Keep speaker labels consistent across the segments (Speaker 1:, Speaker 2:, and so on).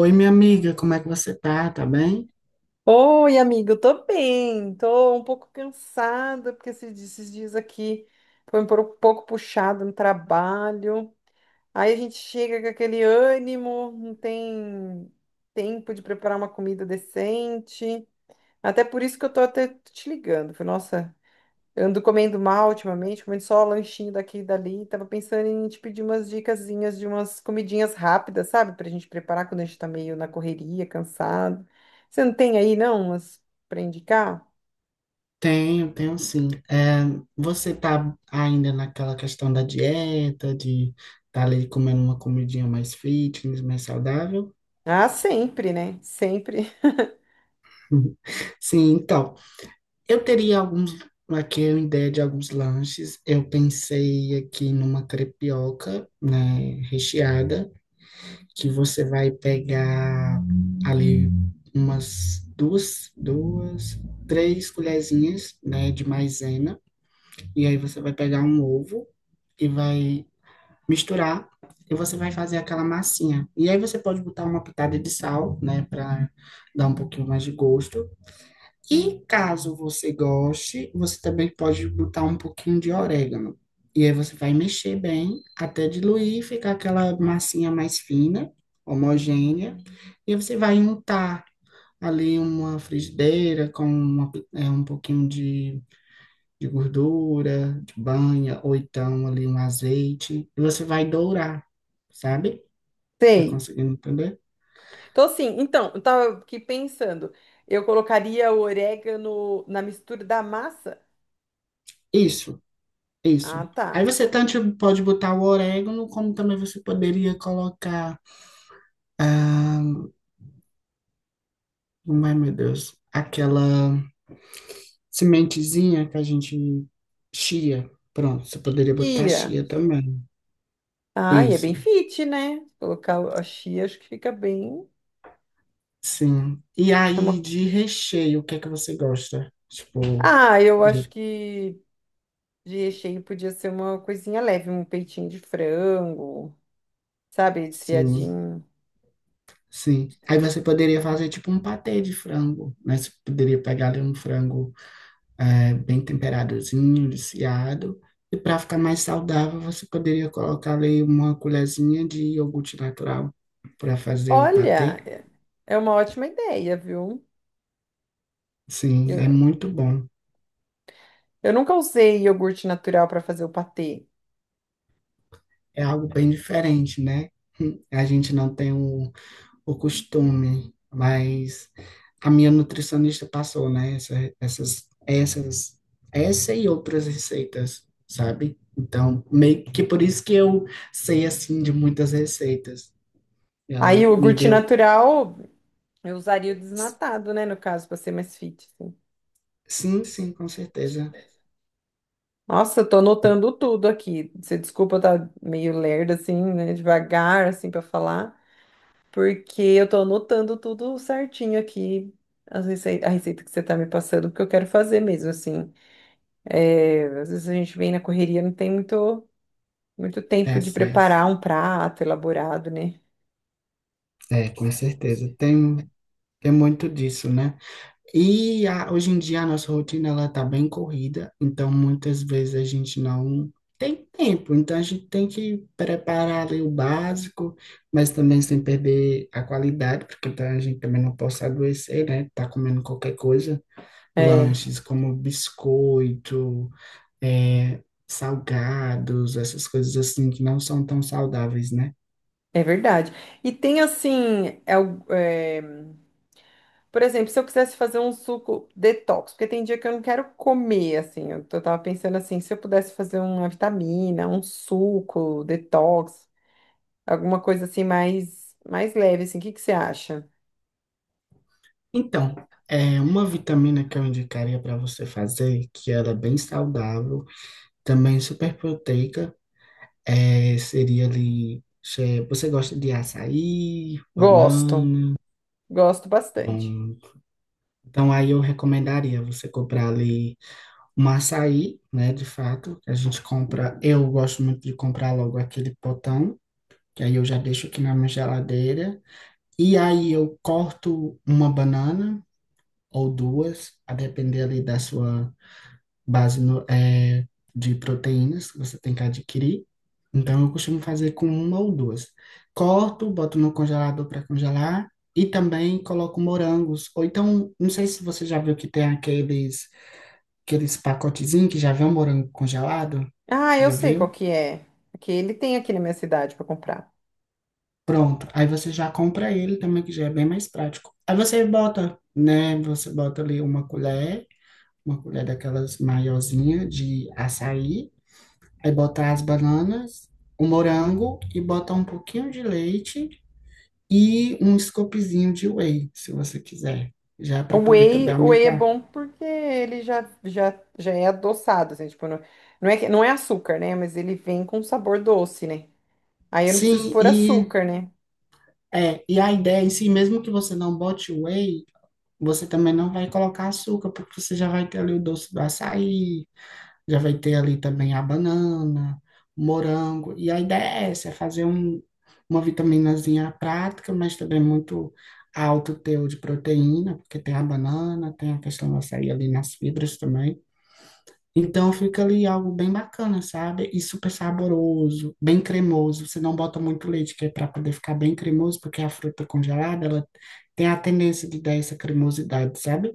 Speaker 1: Oi, minha amiga, como é que você tá? Tá bem?
Speaker 2: Oi, amigo, eu tô bem, tô um pouco cansada, porque esses dias aqui foi um pouco puxado no trabalho. Aí a gente chega com aquele ânimo, não tem tempo de preparar uma comida decente. Até por isso que eu tô até te ligando. Falei, nossa, eu ando comendo mal ultimamente, comendo só lanchinho daqui e dali. Tava pensando em te pedir umas dicasinhas de umas comidinhas rápidas, sabe? Pra gente preparar quando a gente tá meio na correria, cansado. Você não tem aí, não, umas pra indicar?
Speaker 1: Tenho, tenho sim. Você tá ainda naquela questão da dieta, de tá ali comendo uma comidinha mais fitness, mais saudável?
Speaker 2: Ah, sempre, né? Sempre
Speaker 1: Sim, então, eu teria alguns, aqui uma ideia de alguns lanches. Eu pensei aqui numa crepioca, né, recheada, que você vai pegar ali umas três colherzinhas, né, de maisena. E aí você vai pegar um ovo e vai misturar, e você vai fazer aquela massinha. E aí você pode botar uma pitada de sal, né, para dar um pouquinho mais de gosto. E caso você goste, você também pode botar um pouquinho de orégano. E aí você vai mexer bem até diluir e ficar aquela massinha mais fina, homogênea. E aí você vai untar ali uma frigideira com uma um pouquinho de gordura, de banha, ou então ali um azeite, e você vai dourar, sabe? Tá
Speaker 2: sei.
Speaker 1: conseguindo entender?
Speaker 2: Então, assim, então, eu tava aqui pensando. Eu colocaria o orégano na mistura da massa?
Speaker 1: Isso,
Speaker 2: Ah,
Speaker 1: isso. Aí
Speaker 2: tá.
Speaker 1: você tanto pode botar o orégano, como também você poderia colocar, como é, meu Deus, aquela sementezinha que a gente chia. Pronto, você poderia botar
Speaker 2: Chia.
Speaker 1: chia também.
Speaker 2: Ah, e é bem
Speaker 1: Isso,
Speaker 2: fit, né? Colocar a chia, acho que fica bem.
Speaker 1: sim. E
Speaker 2: É
Speaker 1: aí,
Speaker 2: uma,
Speaker 1: de recheio, o que é que você gosta?
Speaker 2: ah, eu
Speaker 1: De,
Speaker 2: acho que de recheio podia ser uma coisinha leve, um peitinho de frango, sabe,
Speaker 1: sim.
Speaker 2: desfiadinho.
Speaker 1: Sim. Aí você poderia fazer tipo um patê de frango, né? Você poderia pegar ali um frango bem temperadozinho, desfiado. E para ficar mais saudável, você poderia colocar ali uma colherzinha de iogurte natural para fazer o patê.
Speaker 2: Olha, é uma ótima ideia, viu?
Speaker 1: Sim, é
Speaker 2: Eu,
Speaker 1: muito bom.
Speaker 2: eu nunca usei iogurte natural para fazer o patê.
Speaker 1: É algo bem diferente, né? A gente não tem o costume, mas a minha nutricionista passou, né, essas, essas, essa e outras receitas, sabe? Então, meio que por isso que eu sei, assim, de muitas receitas. Ela
Speaker 2: Aí o
Speaker 1: me
Speaker 2: iogurte
Speaker 1: deu,
Speaker 2: natural eu usaria o desnatado, né, no caso, para ser mais fit, assim.
Speaker 1: sim, sim, com certeza,
Speaker 2: Nossa, eu tô
Speaker 1: é,
Speaker 2: anotando tudo aqui. Você desculpa eu tá meio lerda assim, né, devagar assim para falar. Porque eu tô anotando tudo certinho aqui, a receita que você tá me passando, porque eu quero fazer mesmo, assim. É, às vezes a gente vem na correria, não tem muito, muito tempo
Speaker 1: é
Speaker 2: de
Speaker 1: sim,
Speaker 2: preparar um prato elaborado, né?
Speaker 1: é, com certeza, tem, tem muito disso, né? E a- hoje em dia a nossa rotina ela tá bem corrida, então muitas vezes a gente não tem tempo, então a gente tem que preparar ali o básico, mas também sem perder a qualidade, porque tá- a gente também não pode adoecer, né? Tá comendo qualquer coisa,
Speaker 2: É,
Speaker 1: lanches como biscoito, é, salgados, essas coisas assim que não são tão saudáveis, né?
Speaker 2: é verdade. E tem assim, por exemplo, se eu quisesse fazer um suco detox, porque tem dia que eu não quero comer, assim, tava pensando assim, se eu pudesse fazer uma vitamina, um suco detox, alguma coisa assim mais leve, assim, o que que você acha?
Speaker 1: Então, é uma vitamina que eu indicaria para você fazer, que ela é bem saudável. Também super proteica. Seria ali. Você gosta de açaí,
Speaker 2: Gosto,
Speaker 1: banana?
Speaker 2: gosto bastante.
Speaker 1: Pronto. Então aí eu recomendaria você comprar ali um açaí, né? De fato, que a gente compra. Eu gosto muito de comprar logo aquele potão, que aí eu já deixo aqui na minha geladeira. E aí eu corto uma banana ou duas, a depender ali da sua base de proteínas que você tem que adquirir. Então, eu costumo fazer com uma ou duas. Corto, boto no congelador para congelar e também coloco morangos. Ou então, não sei se você já viu que tem aqueles, aqueles pacotezinhos que já vem um morango congelado.
Speaker 2: Ah, eu
Speaker 1: Já
Speaker 2: sei qual
Speaker 1: viu?
Speaker 2: que é. Que ele tem aqui na minha cidade para comprar.
Speaker 1: Pronto. Aí você já compra ele também, que já é bem mais prático. Aí você bota, né? Você bota ali uma colher daquelas maiorzinha de açaí. Aí botar as bananas, o morango e botar um pouquinho de leite e um scoopzinho de whey, se você quiser, já para poder também
Speaker 2: O whey é
Speaker 1: aumentar.
Speaker 2: bom porque ele já é adoçado, assim, tipo, não é açúcar, né? Mas ele vem com sabor doce, né? Aí eu não preciso
Speaker 1: Sim,
Speaker 2: pôr
Speaker 1: e
Speaker 2: açúcar, né?
Speaker 1: e a ideia em si, mesmo que você não bote whey, você também não vai colocar açúcar, porque você já vai ter ali o doce do açaí. Já vai ter ali também a banana, o morango. E a ideia é essa, é fazer um, uma vitaminazinha prática, mas também muito alto teor de proteína, porque tem a banana, tem a questão da açaí ali nas fibras também. Então fica ali algo bem bacana, sabe? E super saboroso, bem cremoso. Você não bota muito leite, que é para poder ficar bem cremoso, porque a fruta congelada, ela tem a tendência de dar essa cremosidade, sabe?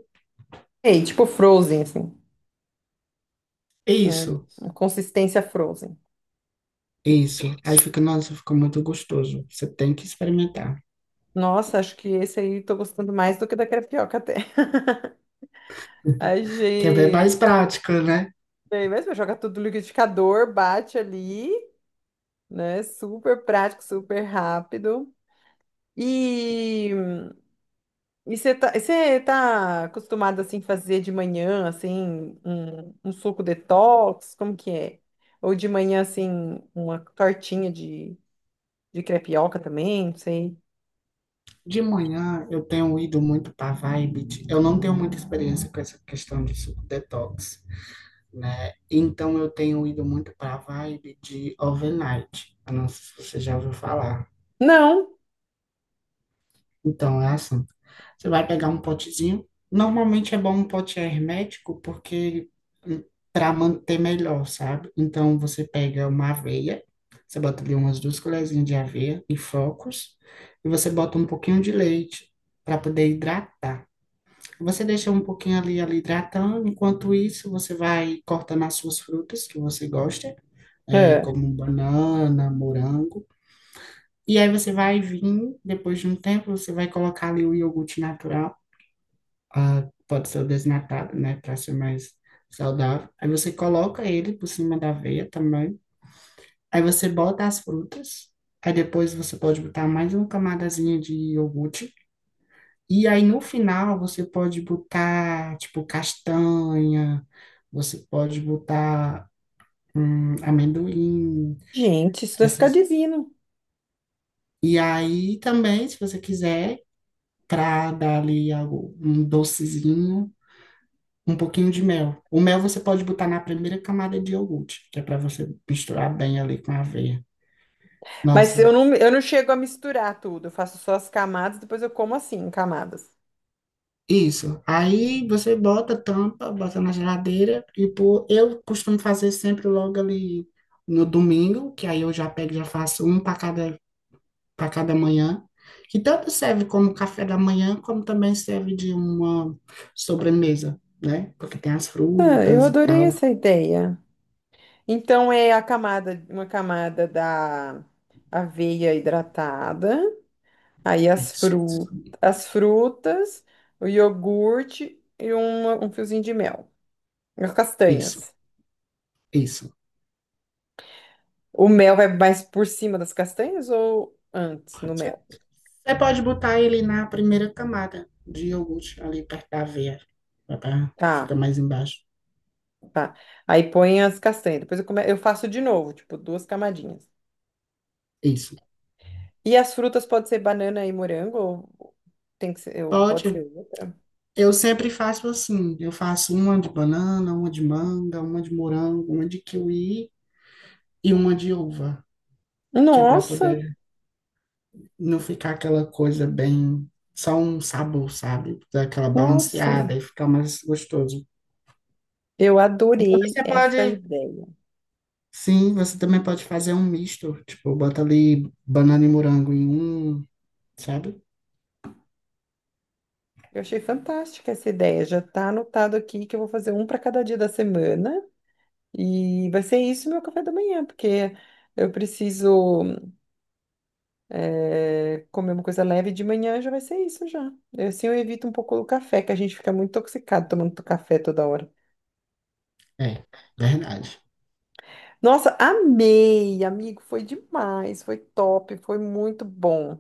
Speaker 2: Ei, tipo frozen, assim.
Speaker 1: É
Speaker 2: Hum,
Speaker 1: isso.
Speaker 2: consistência frozen.
Speaker 1: Isso. Aí fica, nossa, fica muito gostoso. Você tem que experimentar.
Speaker 2: Nossa, acho que esse aí tô gostando mais do que da crepioca até.
Speaker 1: Quer ver mais
Speaker 2: Achei.
Speaker 1: prática, né?
Speaker 2: Bem, mas joga tudo no liquidificador, bate ali, né? Super prático, super rápido. E e você tá acostumado assim fazer de manhã assim um suco detox, como que é? Ou de manhã assim uma tortinha de crepioca também, não sei.
Speaker 1: De manhã eu tenho ido muito para vibe. Eu não tenho muita experiência com essa questão de suco detox, né? Então eu tenho ido muito para vibe de overnight. Eu não sei se você já ouviu falar.
Speaker 2: Não.
Speaker 1: Então, é assim. Você vai pegar um potezinho. Normalmente é bom um pote hermético porque para manter melhor, sabe? Então você pega uma aveia, você bota ali umas duas colherzinhas de aveia e flocos, e você bota um pouquinho de leite para poder hidratar. Você deixa um pouquinho ali, ali hidratando. Enquanto isso, você vai cortando as suas frutas que você gosta,
Speaker 2: É.
Speaker 1: como banana, morango. E aí você vai vir, depois de um tempo, você vai colocar ali o iogurte natural. Pode ser o desnatado, né, para ser mais saudável. Aí você coloca ele por cima da aveia também. Aí você bota as frutas. Aí depois você pode botar mais uma camadazinha de iogurte. E aí no final você pode botar, tipo, castanha, você pode botar amendoim,
Speaker 2: Gente, isso vai ficar
Speaker 1: essas.
Speaker 2: divino.
Speaker 1: E aí também, se você quiser, para dar ali algo, um docezinho, um pouquinho de mel. O mel você pode botar na primeira camada de iogurte, que é para você misturar bem ali com a aveia.
Speaker 2: Mas
Speaker 1: Nossa,
Speaker 2: eu não chego a misturar tudo, eu faço só as camadas, depois eu como assim, em camadas.
Speaker 1: isso. Aí você bota, tampa, bota na geladeira e pô, eu costumo fazer sempre logo ali no domingo, que aí eu já pego, e já faço um para cada manhã. Que tanto serve como café da manhã, como também serve de uma sobremesa, né? Porque tem as
Speaker 2: Ah, eu
Speaker 1: frutas e
Speaker 2: adorei
Speaker 1: tal.
Speaker 2: essa ideia. Então é a camada, uma camada da aveia hidratada, aí
Speaker 1: Isso,
Speaker 2: as frutas, o iogurte e um fiozinho de mel. As
Speaker 1: isso,
Speaker 2: castanhas.
Speaker 1: isso.
Speaker 2: O mel vai mais por cima das castanhas ou antes no
Speaker 1: Você
Speaker 2: mel?
Speaker 1: você pode botar ele na primeira camada de iogurte, ali perto da aveia, que fica
Speaker 2: Tá,
Speaker 1: mais embaixo.
Speaker 2: tá. Aí põe as castanhas. Depois eu, come... eu faço de novo, tipo, duas camadinhas.
Speaker 1: Isso.
Speaker 2: E as frutas pode ser banana e morango, ou tem que ser, ou pode ser
Speaker 1: Pode.
Speaker 2: outra.
Speaker 1: Eu sempre faço assim. Eu faço uma de banana, uma de manga, uma de morango, uma de kiwi e uma de uva, que é para
Speaker 2: Nossa,
Speaker 1: poder não ficar aquela coisa bem só um sabor, sabe? Dar aquela
Speaker 2: nossa.
Speaker 1: balanceada e ficar mais gostoso.
Speaker 2: Eu
Speaker 1: Também
Speaker 2: adorei
Speaker 1: você
Speaker 2: essa
Speaker 1: pode,
Speaker 2: ideia.
Speaker 1: sim, você também pode fazer um misto, tipo, bota ali banana e morango em um, sabe?
Speaker 2: Eu achei fantástica essa ideia. Já está anotado aqui que eu vou fazer um para cada dia da semana e vai ser isso meu café da manhã, porque eu preciso comer uma coisa leve de manhã, já vai ser isso já. Eu, assim eu evito um pouco o café, que a gente fica muito intoxicado tomando café toda hora.
Speaker 1: É, verdade.
Speaker 2: Nossa, amei, amigo, foi demais, foi top, foi muito bom.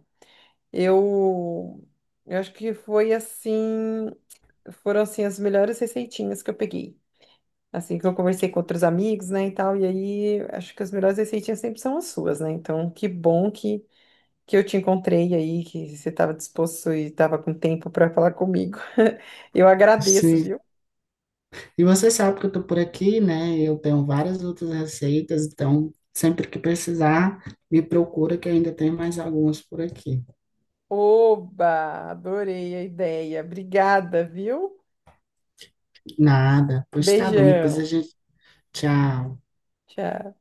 Speaker 2: Eu, eu acho que foi assim. Foram assim as melhores receitinhas que eu peguei. Assim que eu conversei com outros amigos, né, e tal, e aí acho que as melhores receitinhas sempre são as suas, né? Então, que bom que eu te encontrei aí, que você estava disposto e estava com tempo para falar comigo. Eu agradeço,
Speaker 1: Sim.
Speaker 2: viu?
Speaker 1: E você sabe que eu tô por aqui, né? Eu tenho várias outras receitas, então sempre que precisar, me procura que ainda tem mais algumas por aqui.
Speaker 2: Oba, adorei a ideia. Obrigada, viu?
Speaker 1: Nada. Pois tá bom, depois a
Speaker 2: Beijão.
Speaker 1: gente. Tchau.
Speaker 2: Tchau.